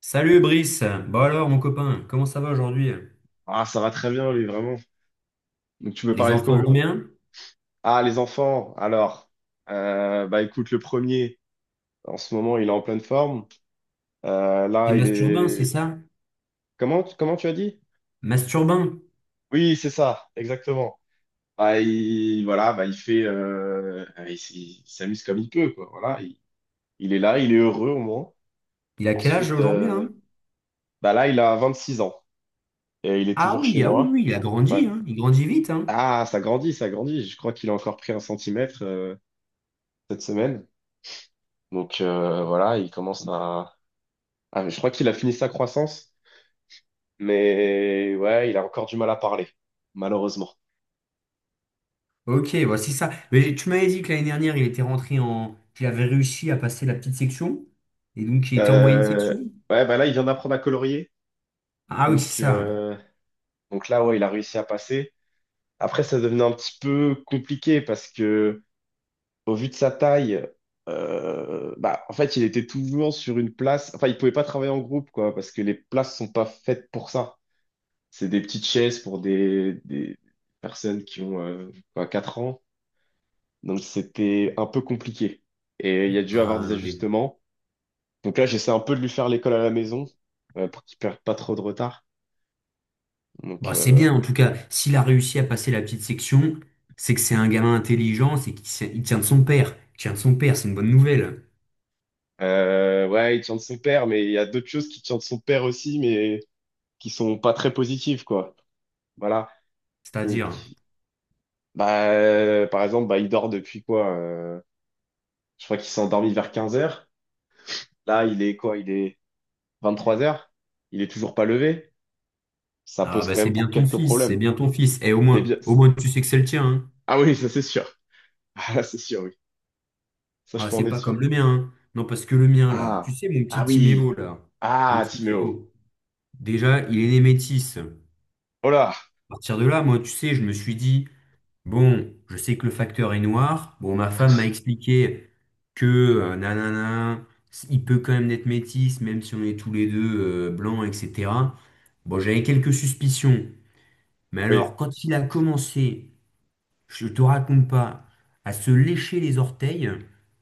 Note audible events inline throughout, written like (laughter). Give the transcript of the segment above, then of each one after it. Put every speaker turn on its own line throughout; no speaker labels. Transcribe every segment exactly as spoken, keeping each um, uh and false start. Salut Brice, bon alors mon copain, comment ça va aujourd'hui?
Ah, ça va très bien, lui, vraiment. Donc, tu veux
Les
parler de
enfants
quoi,
vont
Hugo?
bien?
Ah, les enfants. Alors, euh, bah, écoute, le premier, en ce moment, il est en pleine forme. Euh,
C'est
là, il
Masturbin, c'est
est.
ça?
Comment, comment tu as dit?
Masturbin,
Oui, c'est ça, exactement. Bah, il, voilà, bah, il fait, euh, il, s- il s'amuse comme il peut, quoi. Voilà, il, il est là, il est heureux au moins.
il a quel âge
Ensuite,
aujourd'hui là?
euh, bah là, il a vingt-six ans et il est
Ah
toujours chez
oui, ah oui,
moi.
oui, il a
Ouais.
grandi, hein. Il grandit vite, hein.
Ah, ça grandit, ça grandit. Je crois qu'il a encore pris un centimètre, euh, cette semaine. Donc euh, voilà, il commence à. Ah, je crois qu'il a fini sa croissance, mais ouais, il a encore du mal à parler, malheureusement.
Ok, voici ça. Mais tu m'avais dit que l'année dernière, il était rentré en... qu'il avait réussi à passer la petite section, et donc il était en moyenne
Euh,
section?
Ouais, bah là, il vient d'apprendre à colorier,
Ah oui, c'est
donc,
ça.
euh, donc là, ouais, il a réussi à passer. Après, ça devenait un petit peu compliqué parce que, au vu de sa taille, euh, bah, en fait, il était toujours sur une place. Enfin, il pouvait pas travailler en groupe, quoi, parce que les places sont pas faites pour ça. C'est des petites chaises pour des, des personnes qui ont euh, quoi, quatre ans. Donc c'était un peu compliqué. Et il y a dû avoir des
Ah oui.
ajustements. Donc là, j'essaie un peu de lui faire l'école à la maison euh, pour qu'il perde pas trop de retard. Donc,
Bon, c'est
euh,
bien, en tout cas, s'il a réussi à passer la petite section, c'est que c'est un gamin intelligent, c'est qu'il sait- il tient de son père. Il tient de son père, c'est une bonne nouvelle.
euh, ouais, il tient de son père, mais il y a d'autres choses qui tiennent de son père aussi, mais qui sont pas très positives, quoi. Voilà. Donc
C'est-à-dire,
bah, euh, par exemple, bah il dort depuis quoi? euh, je crois qu'il s'est endormi vers quinze heures. Là, il est quoi? Il est vingt-trois heures. Il est toujours pas levé. Ça
ah
pose
bah
quand
c'est
même
bien
pour
ton
quelques
fils, c'est
problèmes.
bien ton fils. Et au
C'est
moins,
bien.
au moins tu sais que c'est le tien, hein.
Ah oui, ça c'est sûr. (laughs) Ah, c'est sûr, ok. Ça, je
Ah,
peux en
c'est
être
pas comme
sûr.
le mien, hein. Non, parce que le mien, là, tu
Ah,
sais, mon
ah
petit
oui.
Timéo, là, le
Ah, Timéo.
Timéo, déjà, il est né métis. À
Oh là,
partir de là, moi, tu sais, je me suis dit, bon, je sais que le facteur est noir. Bon, ma femme m'a expliqué que, euh, nanana, il peut quand même être métis, même si on est tous les deux euh, blancs, et cetera. Bon, j'avais quelques suspicions. Mais
oui.
alors, quand il a commencé, je te raconte pas, à se lécher les orteils,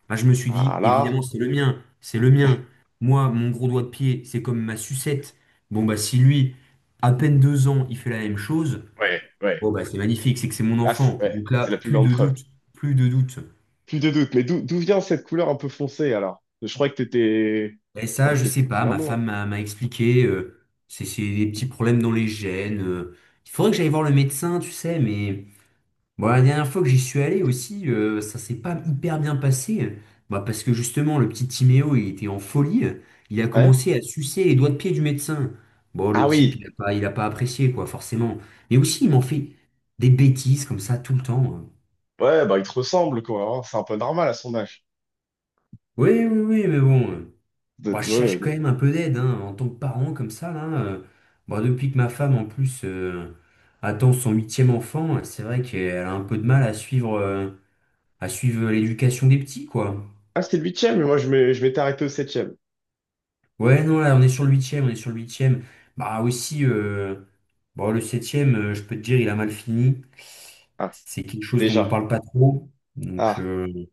bah, je me suis dit,
Ah là,
évidemment, c'est le mien, c'est le mien. Moi, mon gros doigt de pied, c'est comme ma sucette. Bon, bah, si lui, à peine deux ans, il fait la même chose,
ouais, ouais.
bon, bah, c'est magnifique, c'est que c'est mon
Là, c'est
enfant. Et
ouais,
donc là,
c'est la plus
plus
grande
de
preuve.
doute, plus de doute.
Plus de doute. Mais d'où d'où vient cette couleur un peu foncée alors? Je crois que t'étais, je
Et
crois
ça,
que
je sais
t'étais
pas,
bien
ma
blanc.
femme m'a m'a expliqué, euh, c'est c'est des petits problèmes dans les gènes. euh. Il faudrait que j'aille voir le médecin, tu sais, mais. Bon, la dernière fois que j'y suis allé aussi, euh, ça s'est pas hyper bien passé. Bah, parce que justement, le petit Timéo, il était en folie. Il a
Ouais?
commencé à sucer les doigts de pied du médecin. Bon,
Ah
le type,
oui.
il a pas, il a pas apprécié, quoi, forcément. Mais aussi, il m'en fait des bêtises comme ça tout le temps, hein.
Ouais, bah il te ressemble quoi, hein. C'est un peu normal à son âge.
Oui, oui, oui, mais bon. euh,
De-
Bah, je
ouais,
cherche quand
non.
même un peu d'aide, hein, en tant que parent, comme ça, là. euh, bah, depuis que ma femme, en plus, euh, attend son huitième enfant, c'est vrai qu'elle a un peu de mal à suivre, euh, à suivre l'éducation des petits, quoi.
Ah, c'était le huitième, mais moi je m'ai- je m'étais arrêté au septième.
Ouais, non, là, on est sur le huitième, on est sur le huitième. Bah aussi, euh, bon, le septième, euh, je peux te dire, il a mal fini.
Ah,
C'est quelque chose dont on
déjà.
parle pas trop. Donc,
Ah,
euh,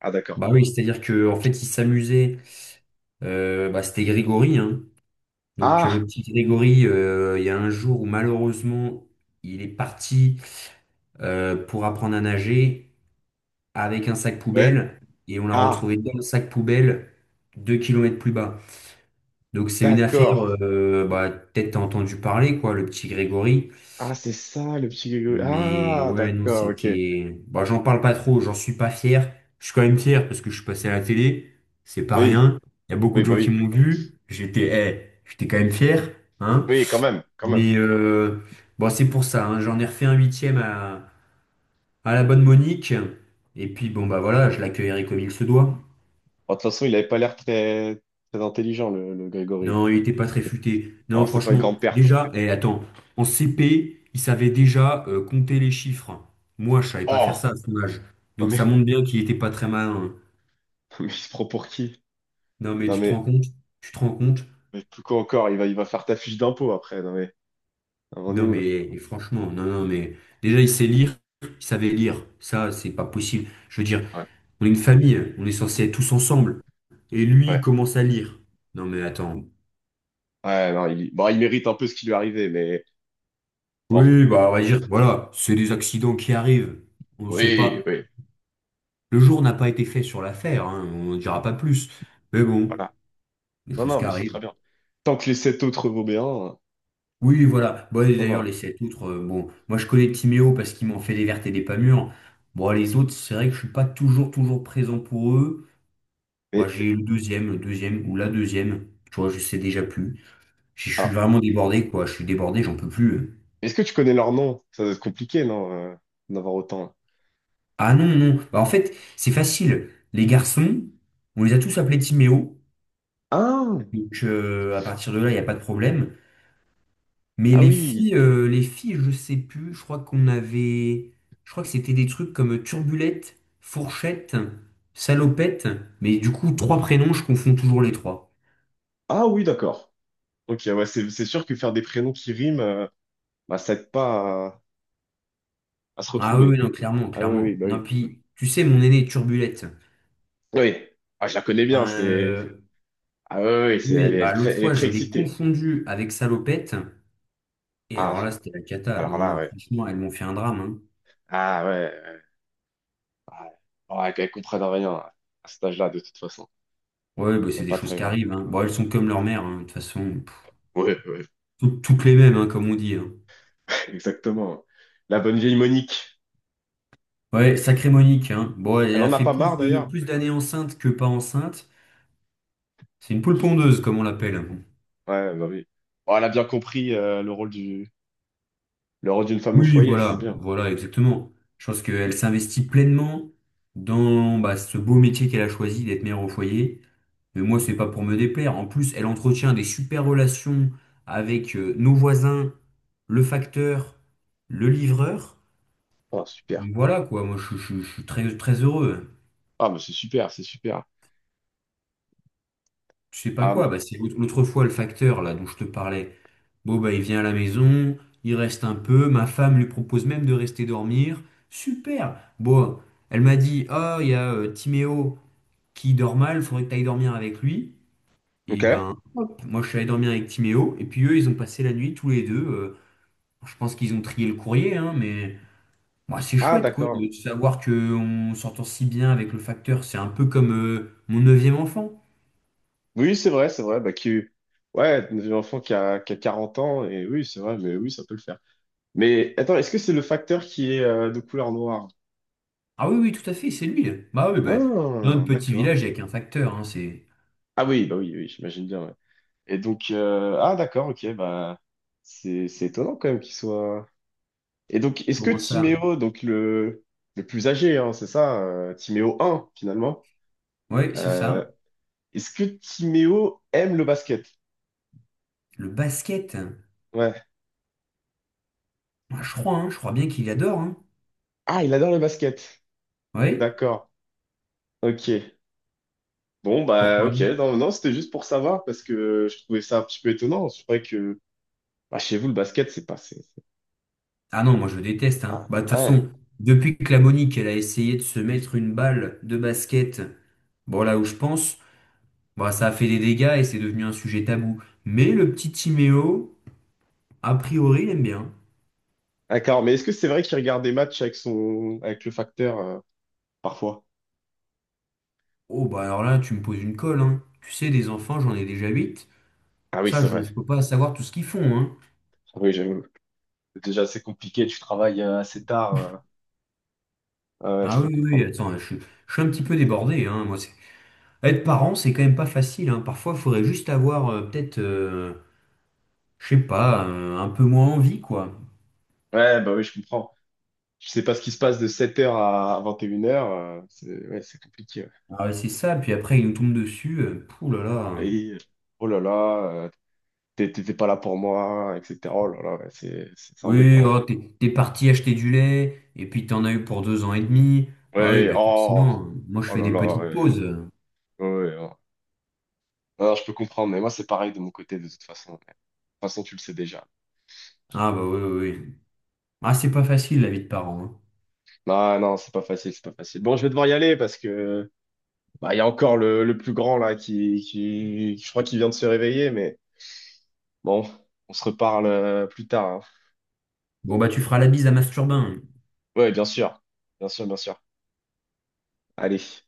ah d'accord.
bah oui, c'est-à-dire que en fait, il s'amusait. Euh, bah, c'était Grégory, hein. Donc, euh, le
Ah,
petit Grégory, euh, il y a un jour où malheureusement, il est parti euh, pour apprendre à nager avec un sac
ouais.
poubelle et on l'a
Ah,
retrouvé dans le sac poubelle deux kilomètres plus bas. Donc c'est une affaire,
d'accord.
euh, bah, peut-être t'as entendu parler, quoi, le petit Grégory.
Ah, c'est ça, le petit Grégory.
Mais
Ah,
ouais, non,
d'accord, ok.
c'était... Bah, j'en parle pas trop, j'en suis pas fier. Je suis quand même fier parce que je suis passé à la télé, c'est pas
Oui,
rien. Il y a beaucoup
oui,
de
bah
gens qui
oui.
m'ont vu, j'étais eh, j'étais quand même fier, hein.
Oui, quand même, quand même.
Mais euh, bon, c'est pour ça, hein, j'en ai refait un huitième à, à la bonne Monique. Et puis bon, bah voilà, je l'accueillerai comme il se doit.
Bon, de toute façon, il avait pas l'air très, très intelligent, le, le Grégory.
Non, il était pas très futé.
Bon,
Non,
c'est pas une
franchement,
grande perte.
déjà, eh, attends, en C P, il savait déjà euh, compter les chiffres. Moi, je savais pas faire ça
Oh!
à son âge.
Non
Donc
mais,
ça
(laughs)
montre bien qu'il était pas très malin, hein.
non mais il se prend pour qui?
Non, mais
Non
tu te
mais,
rends compte? Tu te rends compte?
mais plus quoi encore, il va, il va faire ta fiche d'impôt après. Non mais, on est
Non,
où
mais
là?
et franchement, non, non, mais déjà, il sait lire, il savait lire. Ça, c'est pas possible. Je veux dire,
Ouais,
on est une famille, on est censé être tous ensemble. Et lui, il
ouais.
commence à lire. Non, mais attends.
Ouais, non, il, bon, il mérite un peu ce qui lui est arrivé, mais bon.
Oui, bah, on va dire, voilà, c'est des accidents qui arrivent. On sait
Oui,
pas.
oui,
Le jour n'a pas été fait sur l'affaire, hein, on ne dira pas plus. Mais bon,
voilà.
des
Non,
choses
non,
qui
mais c'est très
arrivent.
bien. Tant que les sept autres vont bien,
Oui, voilà. Bon, et
ça
d'ailleurs,
va.
les sept autres, euh, bon, moi je connais Timéo parce qu'il m'en fait des vertes et des pas mûres. Bon, les autres, c'est vrai que je suis pas toujours, toujours présent pour eux. Moi,
Mais,
j'ai le deuxième, le deuxième ou la deuxième. Tu vois, je sais déjà plus. Je je suis
ah,
vraiment débordé, quoi. Je suis débordé, j'en peux plus.
est-ce que tu connais leur nom? Ça doit être compliqué, non, euh, d'en avoir autant.
Ah non, non. Bah, en fait, c'est facile. Les garçons, on les a tous appelés Timéo.
Ah,
Donc, euh, à partir de là, il n'y a pas de problème. Mais
ah
les
oui.
filles, euh, les filles, je sais plus. Je crois qu'on avait, je crois que c'était des trucs comme Turbulette, Fourchette, Salopette. Mais du coup, trois prénoms, je confonds toujours les trois.
Ah oui, d'accord. Ok, ouais, c'est c'est sûr que faire des prénoms qui riment, euh, bah, ça aide pas à, à se
Ah oui,
retrouver.
oui, non, clairement,
Ah oui, oui,
clairement.
bah
Non,
oui.
puis tu sais, mon aîné Turbulette.
Oui. Ah, je la connais
Ben,
bien, c'est.
euh,
Ah oui, oui, oui, c'est, elle
oui,
est, elle est
bah
très,
l'autre
elle est
fois,
très
je l'ai
excitée.
confondu avec Salopette. Et
Ah,
alors là, c'était la cata.
alors
Non,
là,
non,
ouais.
franchement, elles m'ont fait un drame, hein.
Ah ouais. Ouais, ouais. Ouais, qu'elle comprenne rien à cet âge-là, de toute façon.
Ouais, bah,
C'est
c'est des
pas
choses
très
qui
grave.
arrivent, hein. Bon, elles sont comme leur mère, hein, de toute façon. Pff,
Ouais, ouais,
toutes toutes les mêmes, hein, comme on dit, hein.
(laughs) exactement. La bonne vieille Monique.
Ouais, sacrée Monique, hein. Bon, elle
Elle
a
en a
fait
pas marre,
plus de,
d'ailleurs.
plus d'années enceinte que pas enceinte. C'est une poule pondeuse, comme on l'appelle.
Ouais, bah oui. Bon, elle a bien compris euh, le rôle du, le rôle d'une femme au
Oui,
foyer, c'est
voilà,
bien.
voilà, exactement. Je pense qu'elle s'investit pleinement dans bah, ce beau métier qu'elle a choisi d'être mère au foyer. Mais moi, c'est pas pour me déplaire. En plus, elle entretient des super relations avec euh, nos voisins, le facteur, le livreur.
Oh, super.
Voilà quoi, moi je, je- je suis très, très heureux.
Ah, mais c'est super, c'est super.
Je sais pas
Ah, bon.
quoi, bah, c'est l'autre l'autre fois le facteur là dont je te parlais. Bon, bah, il vient à la maison, il reste un peu, ma femme lui propose même de rester dormir. Super! Bon, elle m'a dit, oh, il y a euh, Timéo qui dort mal, faudrait que tu ailles dormir avec lui. Et
Ok.
ben, hop, moi je suis allé dormir avec Timéo, et puis eux, ils ont passé la nuit tous les deux. euh, je pense qu'ils ont trié le courrier, hein, mais moi c'est
Ah,
chouette, quoi,
d'accord.
de savoir qu'on s'entend si bien avec le facteur. C'est un peu comme euh, mon neuvième enfant.
Oui, c'est vrai, c'est vrai. Bah, qui, ouais, un enfant qui a, qui a quarante ans, et oui, c'est vrai, mais oui, ça peut le faire. Mais attends, est-ce que c'est le facteur qui est euh, de couleur noire?
Ah oui, oui, tout à fait, c'est lui. Bah oui, bah, dans
Ah,
notre petit
d'accord.
village, il n'y a qu'un facteur, hein, c'est...
Ah oui, bah oui, oui, j'imagine bien, ouais. Et donc, euh, ah, d'accord, ok, bah, c'est, c'est étonnant quand même qu'il soit. Et donc, est-ce que
Comment ça?
Timéo, donc le, le plus âgé, hein, c'est ça, euh, Timéo un finalement,
Oui, c'est ça.
euh, est-ce que Timéo aime le basket?
Le basket,
Ouais.
moi, je crois, hein, je crois bien qu'il adore, hein.
Ah, il adore le basket.
Oui,
D'accord. Ok. Bon, bah,
pourquoi?
ok. Non, non, c'était juste pour savoir parce que je trouvais ça un petit peu étonnant. C'est vrai que bah, chez vous, le basket, c'est pas. c'est- c'est-
Ah non, moi je déteste, hein.
Ah,
Bah, de toute
ouais.
façon, depuis que la Monique, elle a essayé de se mettre une balle de basket, bon là où je pense, bah, ça a fait des dégâts et c'est devenu un sujet tabou. Mais le petit Timéo, a priori, il aime bien.
D'accord. Mais est-ce que c'est vrai qu'il regarde des matchs avec son, avec le facteur euh, parfois?
Oh bah alors là, tu me poses une colle, hein. Tu sais, des enfants, j'en ai déjà huit.
Ah oui,
Ça,
c'est
je
vrai.
ne peux pas savoir tout ce qu'ils font, hein.
Ah, Oui, j'avoue. C'est Déjà, c'est compliqué. Tu travailles euh, assez tard. euh. Ah ouais, je
Ah
peux
oui, oui, oui,
comprendre.
attends, je, suis je suis un petit peu débordé, hein. Moi, c'est Être parent, c'est quand même pas facile, hein. Parfois, il faudrait juste avoir euh, peut-être, euh, je sais pas, euh, un peu moins envie, quoi.
Ouais, bah oui, je comprends. Je sais pas ce qui se passe de sept heures à vingt et une heures. C'est Ouais, c'est compliqué.
Ah, ouais, c'est ça, puis après, il nous tombe dessus. euh, pouh là là.
Ouais. Et, euh, oh là là, euh, t'é- t'étais pas là pour moi, et cetera. Oh là là, ouais, c'est c'est- c'est
Oui,
embêtant.
oh, t'es, t'es parti acheter du lait, et puis t'en as eu pour deux ans et demi. Bah oui,
Ouais,
bah
oh,
forcément, moi je
oh
fais
là
des
là.
petites
Ouais,
pauses.
ouais, ouais. Oh. Non, je peux comprendre, mais moi, c'est pareil de mon côté, de toute façon. Ouais. De toute façon, tu le sais déjà.
Ah bah oui, oui, oui. Ah, c'est pas facile la vie de parent, hein.
Non, non, c'est pas facile, c'est pas facile. Bon, je vais devoir y aller parce que bah, il y a encore le, le plus grand là qui, qui, je crois qu'il vient de se réveiller, mais bon, on se reparle euh, plus tard, hein.
Bon bah tu feras la bise à Masturbin.
Ouais, bien sûr. Bien sûr, bien sûr. Allez.